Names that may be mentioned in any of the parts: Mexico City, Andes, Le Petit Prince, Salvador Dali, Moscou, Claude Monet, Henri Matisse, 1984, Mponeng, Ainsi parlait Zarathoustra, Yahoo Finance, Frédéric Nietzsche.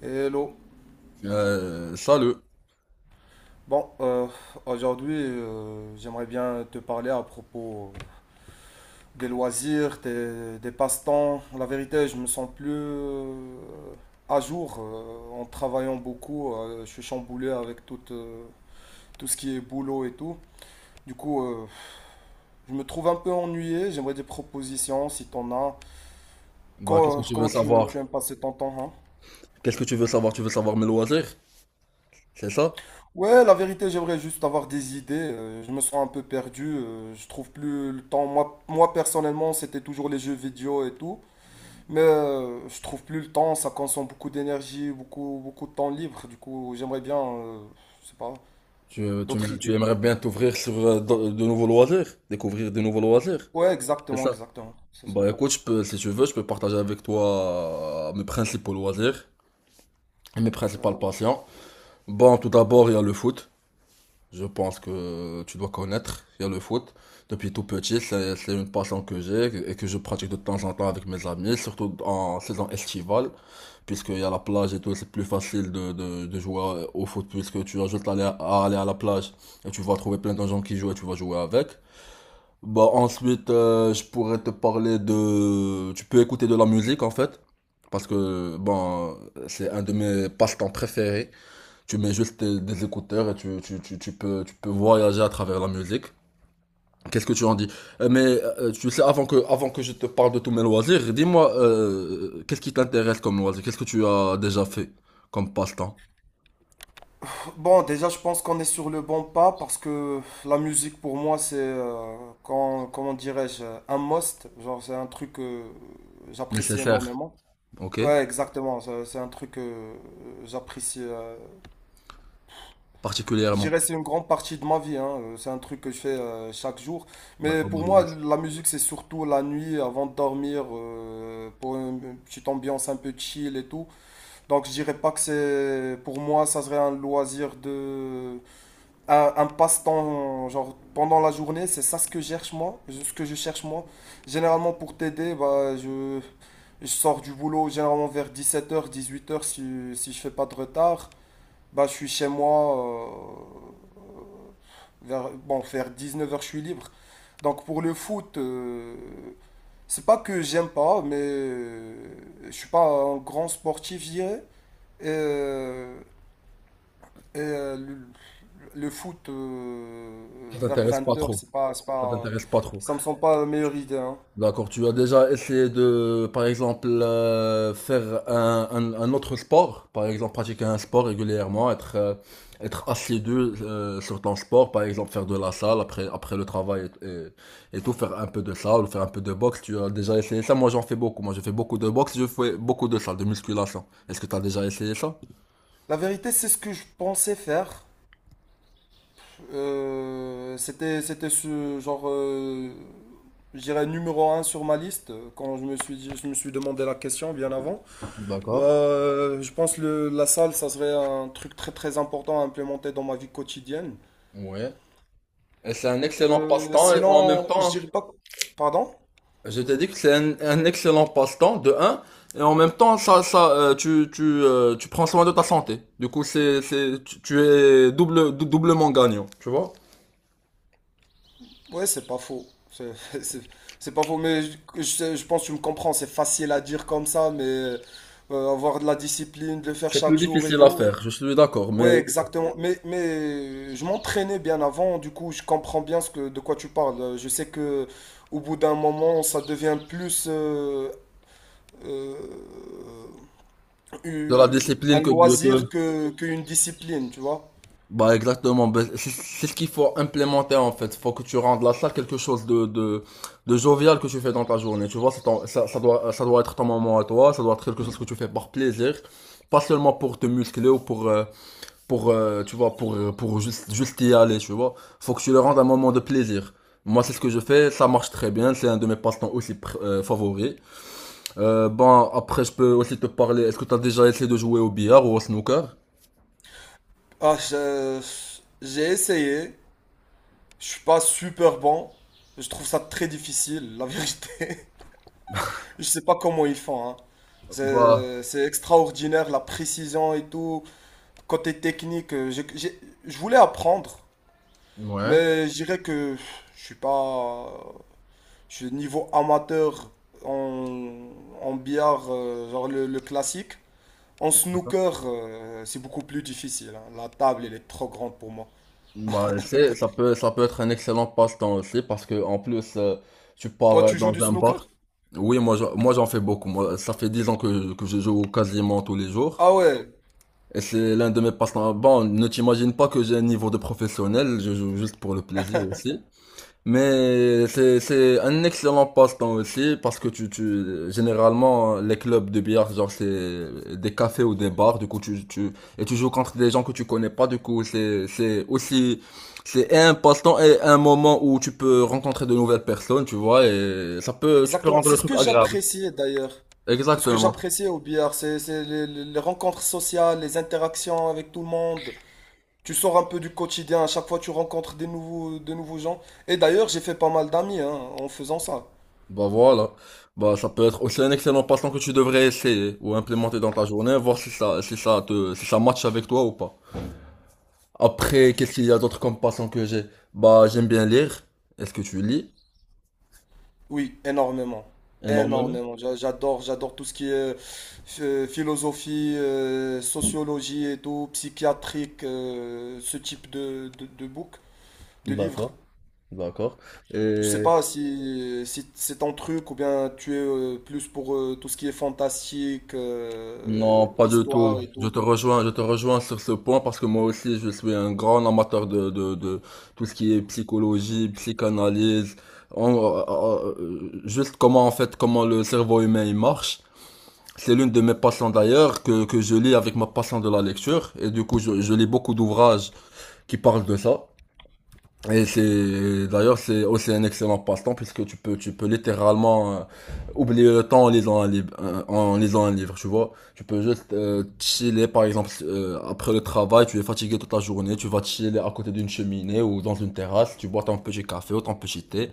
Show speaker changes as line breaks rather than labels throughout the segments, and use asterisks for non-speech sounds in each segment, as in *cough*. Hello.
Salut.
Bon, aujourd'hui, j'aimerais bien te parler à propos des loisirs, des passe-temps. La vérité, je me sens plus à jour en travaillant beaucoup. Je suis chamboulé avec tout, tout ce qui est boulot et tout. Du coup, je me trouve un peu ennuyé. J'aimerais des propositions si t'en as.
Bah, qu'est-ce que tu veux
Comment tu
savoir?
aimes passer ton temps, hein.
Qu'est-ce que tu veux savoir? Tu veux savoir mes loisirs? C'est ça?
Ouais, la vérité, j'aimerais juste avoir des idées. Je me sens un peu perdu. Je trouve plus le temps. Moi personnellement, c'était toujours les jeux vidéo et tout. Mais je trouve plus le temps. Ça consomme beaucoup d'énergie, beaucoup, beaucoup de temps libre. Du coup, j'aimerais bien, je sais pas,
Tu, tu,
d'autres
me- tu
idées.
aimerais bien t'ouvrir sur de nouveaux loisirs? Découvrir de nouveaux loisirs?
Ouais,
C'est
exactement,
ça?
exactement. C'est ça.
Bah, écoute, je peux, si tu veux, je peux partager avec toi mes principaux loisirs et mes principales
Vas-y.
passions. Bon, tout d'abord, il y a le foot. Je pense que tu dois connaître. Il y a le foot. Depuis tout petit, c'est une passion que j'ai et que je pratique de temps en temps avec mes amis, surtout en saison estivale. Puisqu'il y a la plage et tout, c'est plus facile de jouer au foot, puisque tu as juste à aller, à la plage et tu vas trouver plein de gens qui jouent et tu vas jouer avec. Bah, ensuite, je pourrais te parler de. Tu peux écouter de la musique en fait, parce que bon, c'est un de mes passe-temps préférés. Tu mets juste des écouteurs et tu peux voyager à travers la musique. Qu'est-ce que tu en dis? Mais tu sais, avant que je te parle de tous mes loisirs, dis-moi, qu'est-ce qui t'intéresse comme loisir? Qu'est-ce que tu as déjà fait comme passe-temps?
Bon, déjà, je pense qu'on est sur le bon pas parce que la musique pour moi, c'est, comment dirais-je, un must. Genre, c'est un truc que j'apprécie
Nécessaire,
énormément.
ok?
Ouais, exactement. C'est un truc que j'apprécie. Je
Particulièrement.
dirais que c'est une grande partie de ma vie. Hein, c'est un truc que je fais chaque jour.
Bah,
Mais
comme
pour
moi
moi,
aussi.
la musique, c'est surtout la nuit avant de dormir, pour une petite ambiance un peu chill et tout. Donc, je dirais pas que c'est. Pour moi, ça serait un loisir de. Un passe-temps, genre pendant la journée. C'est ça ce que je cherche moi. Ce que je cherche moi. Généralement, pour t'aider, bah, je. Je sors du boulot généralement vers 17 heures, 18 heures si je fais pas de retard. Bah, je suis chez moi vers, bon, vers 19 heures je suis libre. Donc pour le foot, c'est pas que j'aime pas, mais je suis pas un grand sportif, je dirais. Et, euh, et, euh, le, le foot
Ça
vers
t'intéresse pas
20 heures
trop.
c'est
Ça
pas,
t'intéresse pas trop.
ça me semble pas la meilleure idée. Hein.
D'accord, tu as déjà essayé de, par exemple, faire un autre sport, par exemple, pratiquer un sport régulièrement, être assidu sur ton sport, par exemple, faire de la salle après le travail et tout, faire un peu de salle, ou faire un peu de boxe. Tu as déjà essayé ça? Moi, j'en fais beaucoup. Moi, je fais beaucoup de boxe, je fais beaucoup de salle, de musculation. Est-ce que tu as déjà essayé ça?
La vérité, c'est ce que je pensais faire. C'était ce genre, je dirais numéro un sur ma liste quand je me suis, je me suis demandé la question bien avant.
D'accord.
Je pense que la salle, ça serait un truc très très important à implémenter dans ma vie quotidienne.
Ouais. Et c'est un excellent passe-temps et en même
Sinon, je
temps.
dirais pas. Pardon?
Je t'ai dit que c'est un excellent passe-temps, de un, et en même temps, tu prends soin de ta santé. Du coup, tu es doublement gagnant, tu vois?
Ouais, c'est pas faux. C'est *laughs* c'est- c'est pas faux, mais je pense que tu me comprends. C'est facile à dire comme ça, mais avoir de la discipline, de le faire
C'est plus
chaque jour et
difficile à
tout.
faire, je suis d'accord, mais
Ouais, exactement. Mais je m'entraînais bien avant, du coup, je comprends bien de quoi tu parles. Je sais que au bout d'un moment, ça devient plus euh,
de la
eu- un
discipline que,
loisir
que...
qu'une discipline, tu vois.
Bah exactement, bah, c'est ce qu'il faut implémenter en fait. Faut que tu rendes la salle quelque chose de jovial que tu fais dans ta journée. Tu vois, ça doit être ton moment à toi, ça doit être quelque chose que tu fais par plaisir, pas seulement pour te muscler ou pour, tu vois, pour juste y aller, tu vois. Faut que tu le rendes un moment de plaisir. Moi, c'est ce que je fais, ça marche très bien, c'est un de mes passe-temps aussi favoris. Bon, après, je peux aussi te parler, est-ce que tu as déjà essayé de jouer au billard ou au snooker?
Ah, j'ai essayé. Je suis pas super bon. Je trouve ça très difficile, la vérité. *laughs* Je sais pas comment ils font, hein.
Bah,
C'est extraordinaire, la précision et tout. Côté technique, je voulais apprendre.
ouais.
Mais je dirais que je suis pas. Je suis niveau amateur en, en billard, genre le classique. En snooker, c'est beaucoup plus difficile. Hein. La table, elle est trop grande pour moi.
Bah, ça peut être un excellent passe-temps aussi, parce que, en plus, tu pars
Toi, tu joues
dans
du
un
snooker?
bar. Oui, moi, j'en fais beaucoup. Moi, ça fait 10 ans que je joue quasiment tous les jours.
Ah ouais,
Et c'est l'un de mes passe-temps. Bon, ne t'imagine pas que j'ai un niveau de professionnel, je joue juste pour le plaisir aussi. Mais c'est un excellent passe-temps aussi, parce que généralement, les clubs de billard, genre, c'est des cafés ou des bars, du coup, et tu joues contre des gens que tu connais pas, du coup, c'est un passe-temps et un moment où tu peux rencontrer de nouvelles personnes, tu vois, et tu peux
exactement.
rendre
C'est
le
ce
truc
que
agréable.
j'appréciais d'ailleurs. C'est ce que
Exactement.
j'appréciais au billard. C'est les rencontres sociales, les interactions avec tout le monde. Tu sors un peu du quotidien. À chaque fois, tu rencontres de nouveaux gens. Et d'ailleurs, j'ai fait pas mal d'amis hein, en faisant ça.
Bah voilà. Bah ça peut être aussi un excellent passe-temps que tu devrais essayer ou implémenter dans ta journée, voir si ça matche avec toi ou pas. Après, qu'est-ce qu'il y a d'autre comme passe-temps que j'ai? Bah j'aime bien lire. Est-ce que tu lis?
Oui, énormément.
Énormément.
Énormément. J'adore, j'adore tout ce qui est philosophie, sociologie et tout, psychiatrique, ce type de book, de livre.
D'accord. D'accord.
Je sais
Et
pas si, si c'est ton truc ou bien tu es plus pour tout ce qui est fantastique,
non, pas du tout.
histoire et
Je
tout.
te rejoins, je te rejoins sur ce point parce que moi aussi je suis un grand amateur de tout ce qui est psychologie, psychanalyse, juste comment en fait, comment le cerveau humain il marche. C'est l'une de mes passions d'ailleurs que je lis avec ma passion de la lecture. Et du coup, je lis beaucoup d'ouvrages qui parlent de ça. Et c'est, d'ailleurs, c'est aussi un excellent passe-temps puisque tu peux littéralement oublier le temps en lisant un livre, tu vois, tu peux juste chiller. Par exemple, après le travail, tu es fatigué toute la journée, tu vas chiller à côté d'une cheminée ou dans une terrasse, tu bois ton petit café ou ton petit thé,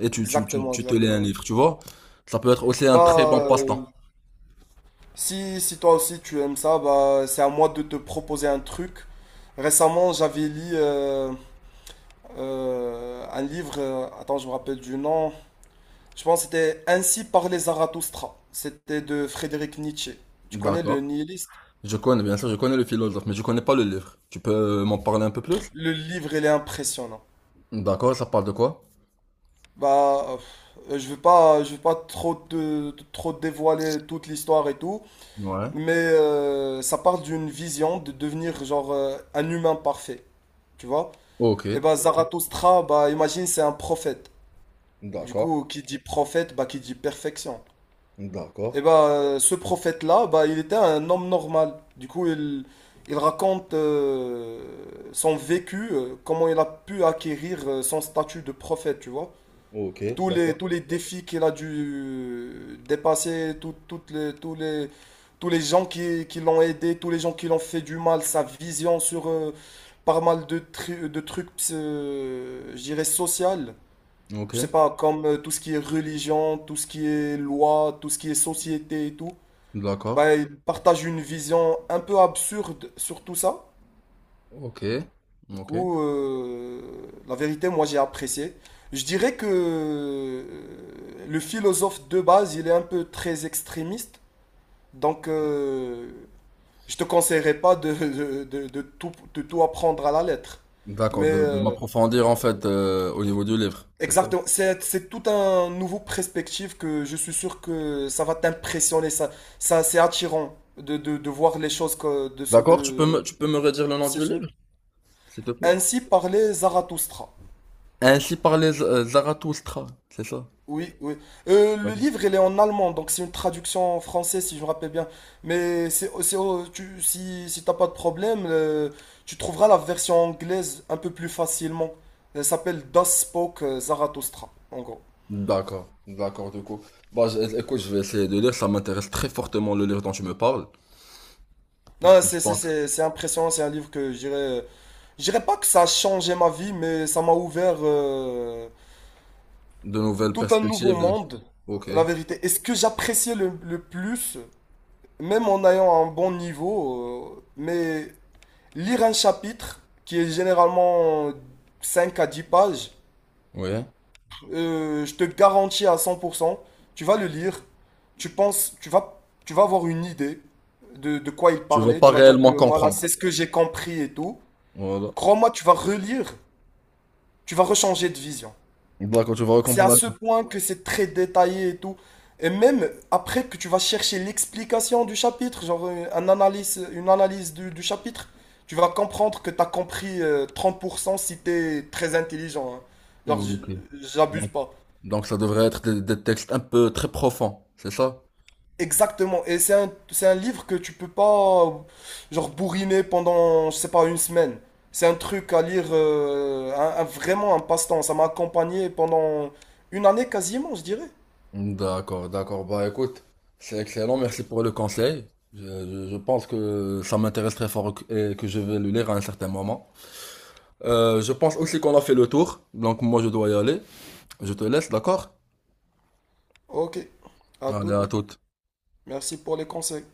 et
Exactement,
tu te lis un
exactement.
livre, tu vois. Ça peut être aussi un très bon
Bah,
passe-temps.
si, si toi aussi tu aimes ça, bah, c'est à moi de te proposer un truc. Récemment, j'avais lu. Un livre, attends, je me rappelle du nom. Je pense que c'était Ainsi parlait Zarathoustra. C'était de Frédéric Nietzsche. Tu connais le
D'accord.
nihiliste?
Je connais, bien sûr, je connais le philosophe, mais je connais pas le livre. Tu peux m'en parler un peu plus?
Le livre, il est impressionnant.
D'accord, ça parle de quoi?
Bah, je veux pas trop te, trop te dévoiler toute l'histoire et tout,
Ouais.
mais ça parle d'une vision de devenir genre un humain parfait. Tu vois? Et
Ok.
bah Zarathoustra, bah imagine c'est un prophète. Du
D'accord.
coup, qui dit prophète, bah qui dit perfection. Et
D'accord.
ben ce prophète-là, bah, il était un homme normal. Du coup, il raconte son vécu, comment il a pu acquérir son statut de prophète, tu vois.
Ok. D'accord.
Tous les défis qu'il a dû dépasser, tout- toutes les, tous les, tous les gens qui l'ont aidé, tous les gens qui l'ont fait du mal, sa vision sur pas mal de, de trucs, je dirais, social. Je
Ok.
sais pas, comme tout ce qui est religion, tout ce qui est loi, tout ce qui est société et tout.
D'accord.
Bah, il partage une vision un peu absurde sur tout ça.
Ok.
Du
Ok.
coup, la vérité, moi, j'ai apprécié. Je dirais que le philosophe de base, il est un peu très extrémiste. Donc, je te conseillerais pas de tout, de tout apprendre à la lettre.
D'accord,
Mais
de m'approfondir en fait au niveau du livre, c'est ça?
exactement, c'est tout un nouveau perspective que je suis sûr que ça va t'impressionner. Ça, c'est attirant de voir les choses que, de, ce-
D'accord, tu peux
de,
me, tu peux me redire le nom
ces
du livre, s'il te plaît?
Ainsi parlait Zarathustra.
Ainsi parlait Zarathoustra, c'est ça?
Oui, oui. Le livre, il est en allemand, donc c'est une traduction en français, si je me rappelle bien. Mais oh, tu, si, si t'as pas de problème, tu trouveras la version anglaise un peu plus facilement. Elle s'appelle Das Spoke Zarathustra, en gros.
D'accord, d'accord, du coup. Bah, écoute, je vais essayer de lire, ça m'intéresse très fortement le livre dont tu me parles. Du
Non,
coup, je pense.
c'est impressionnant, c'est un livre que je dirais… Je dirais pas que ça a changé ma vie, mais ça m'a ouvert
De nouvelles
tout un nouveau
perspectives.
monde,
Ok.
la vérité. Et ce que j'appréciais le plus… même en ayant un bon niveau, mais lire un chapitre qui est généralement 5 à 10 pages,
Ouais.
je te garantis à 100%, tu vas le lire, tu penses, tu vas, tu vas avoir une idée de quoi il
Tu vas
parlait,
pas
tu vas dire que
réellement
voilà,
comprendre.
c'est ce que j'ai compris et tout.
Voilà.
Crois-moi, tu vas relire, tu vas rechanger de vision.
D'accord, tu vas
C'est à
comprendre.
ce point que c'est très détaillé et tout. Et même après que tu vas chercher l'explication du chapitre, genre une analyse du chapitre, tu vas comprendre que tu as compris 30% si tu es très intelligent. Hein. Genre,
Ok.
j'abuse
Donc,
pas.
donc, ça devrait être des textes un peu très profonds, c'est ça?
Exactement. Et c'est un livre que tu peux pas, genre, bourriner pendant, je sais pas, une semaine. C'est un truc à lire, vraiment un passe-temps. Ça m'a accompagné pendant une année quasiment, je dirais.
D'accord, d'accord. Bah écoute, c'est excellent. Merci pour le conseil. Je, je pense que ça m'intéresse très fort et que je vais le lire à un certain moment. Je pense aussi qu'on a fait le tour. Donc moi je dois y aller. Je te laisse, d'accord?
Ok, à
Allez, à
toute.
toute.
Merci pour les conseils.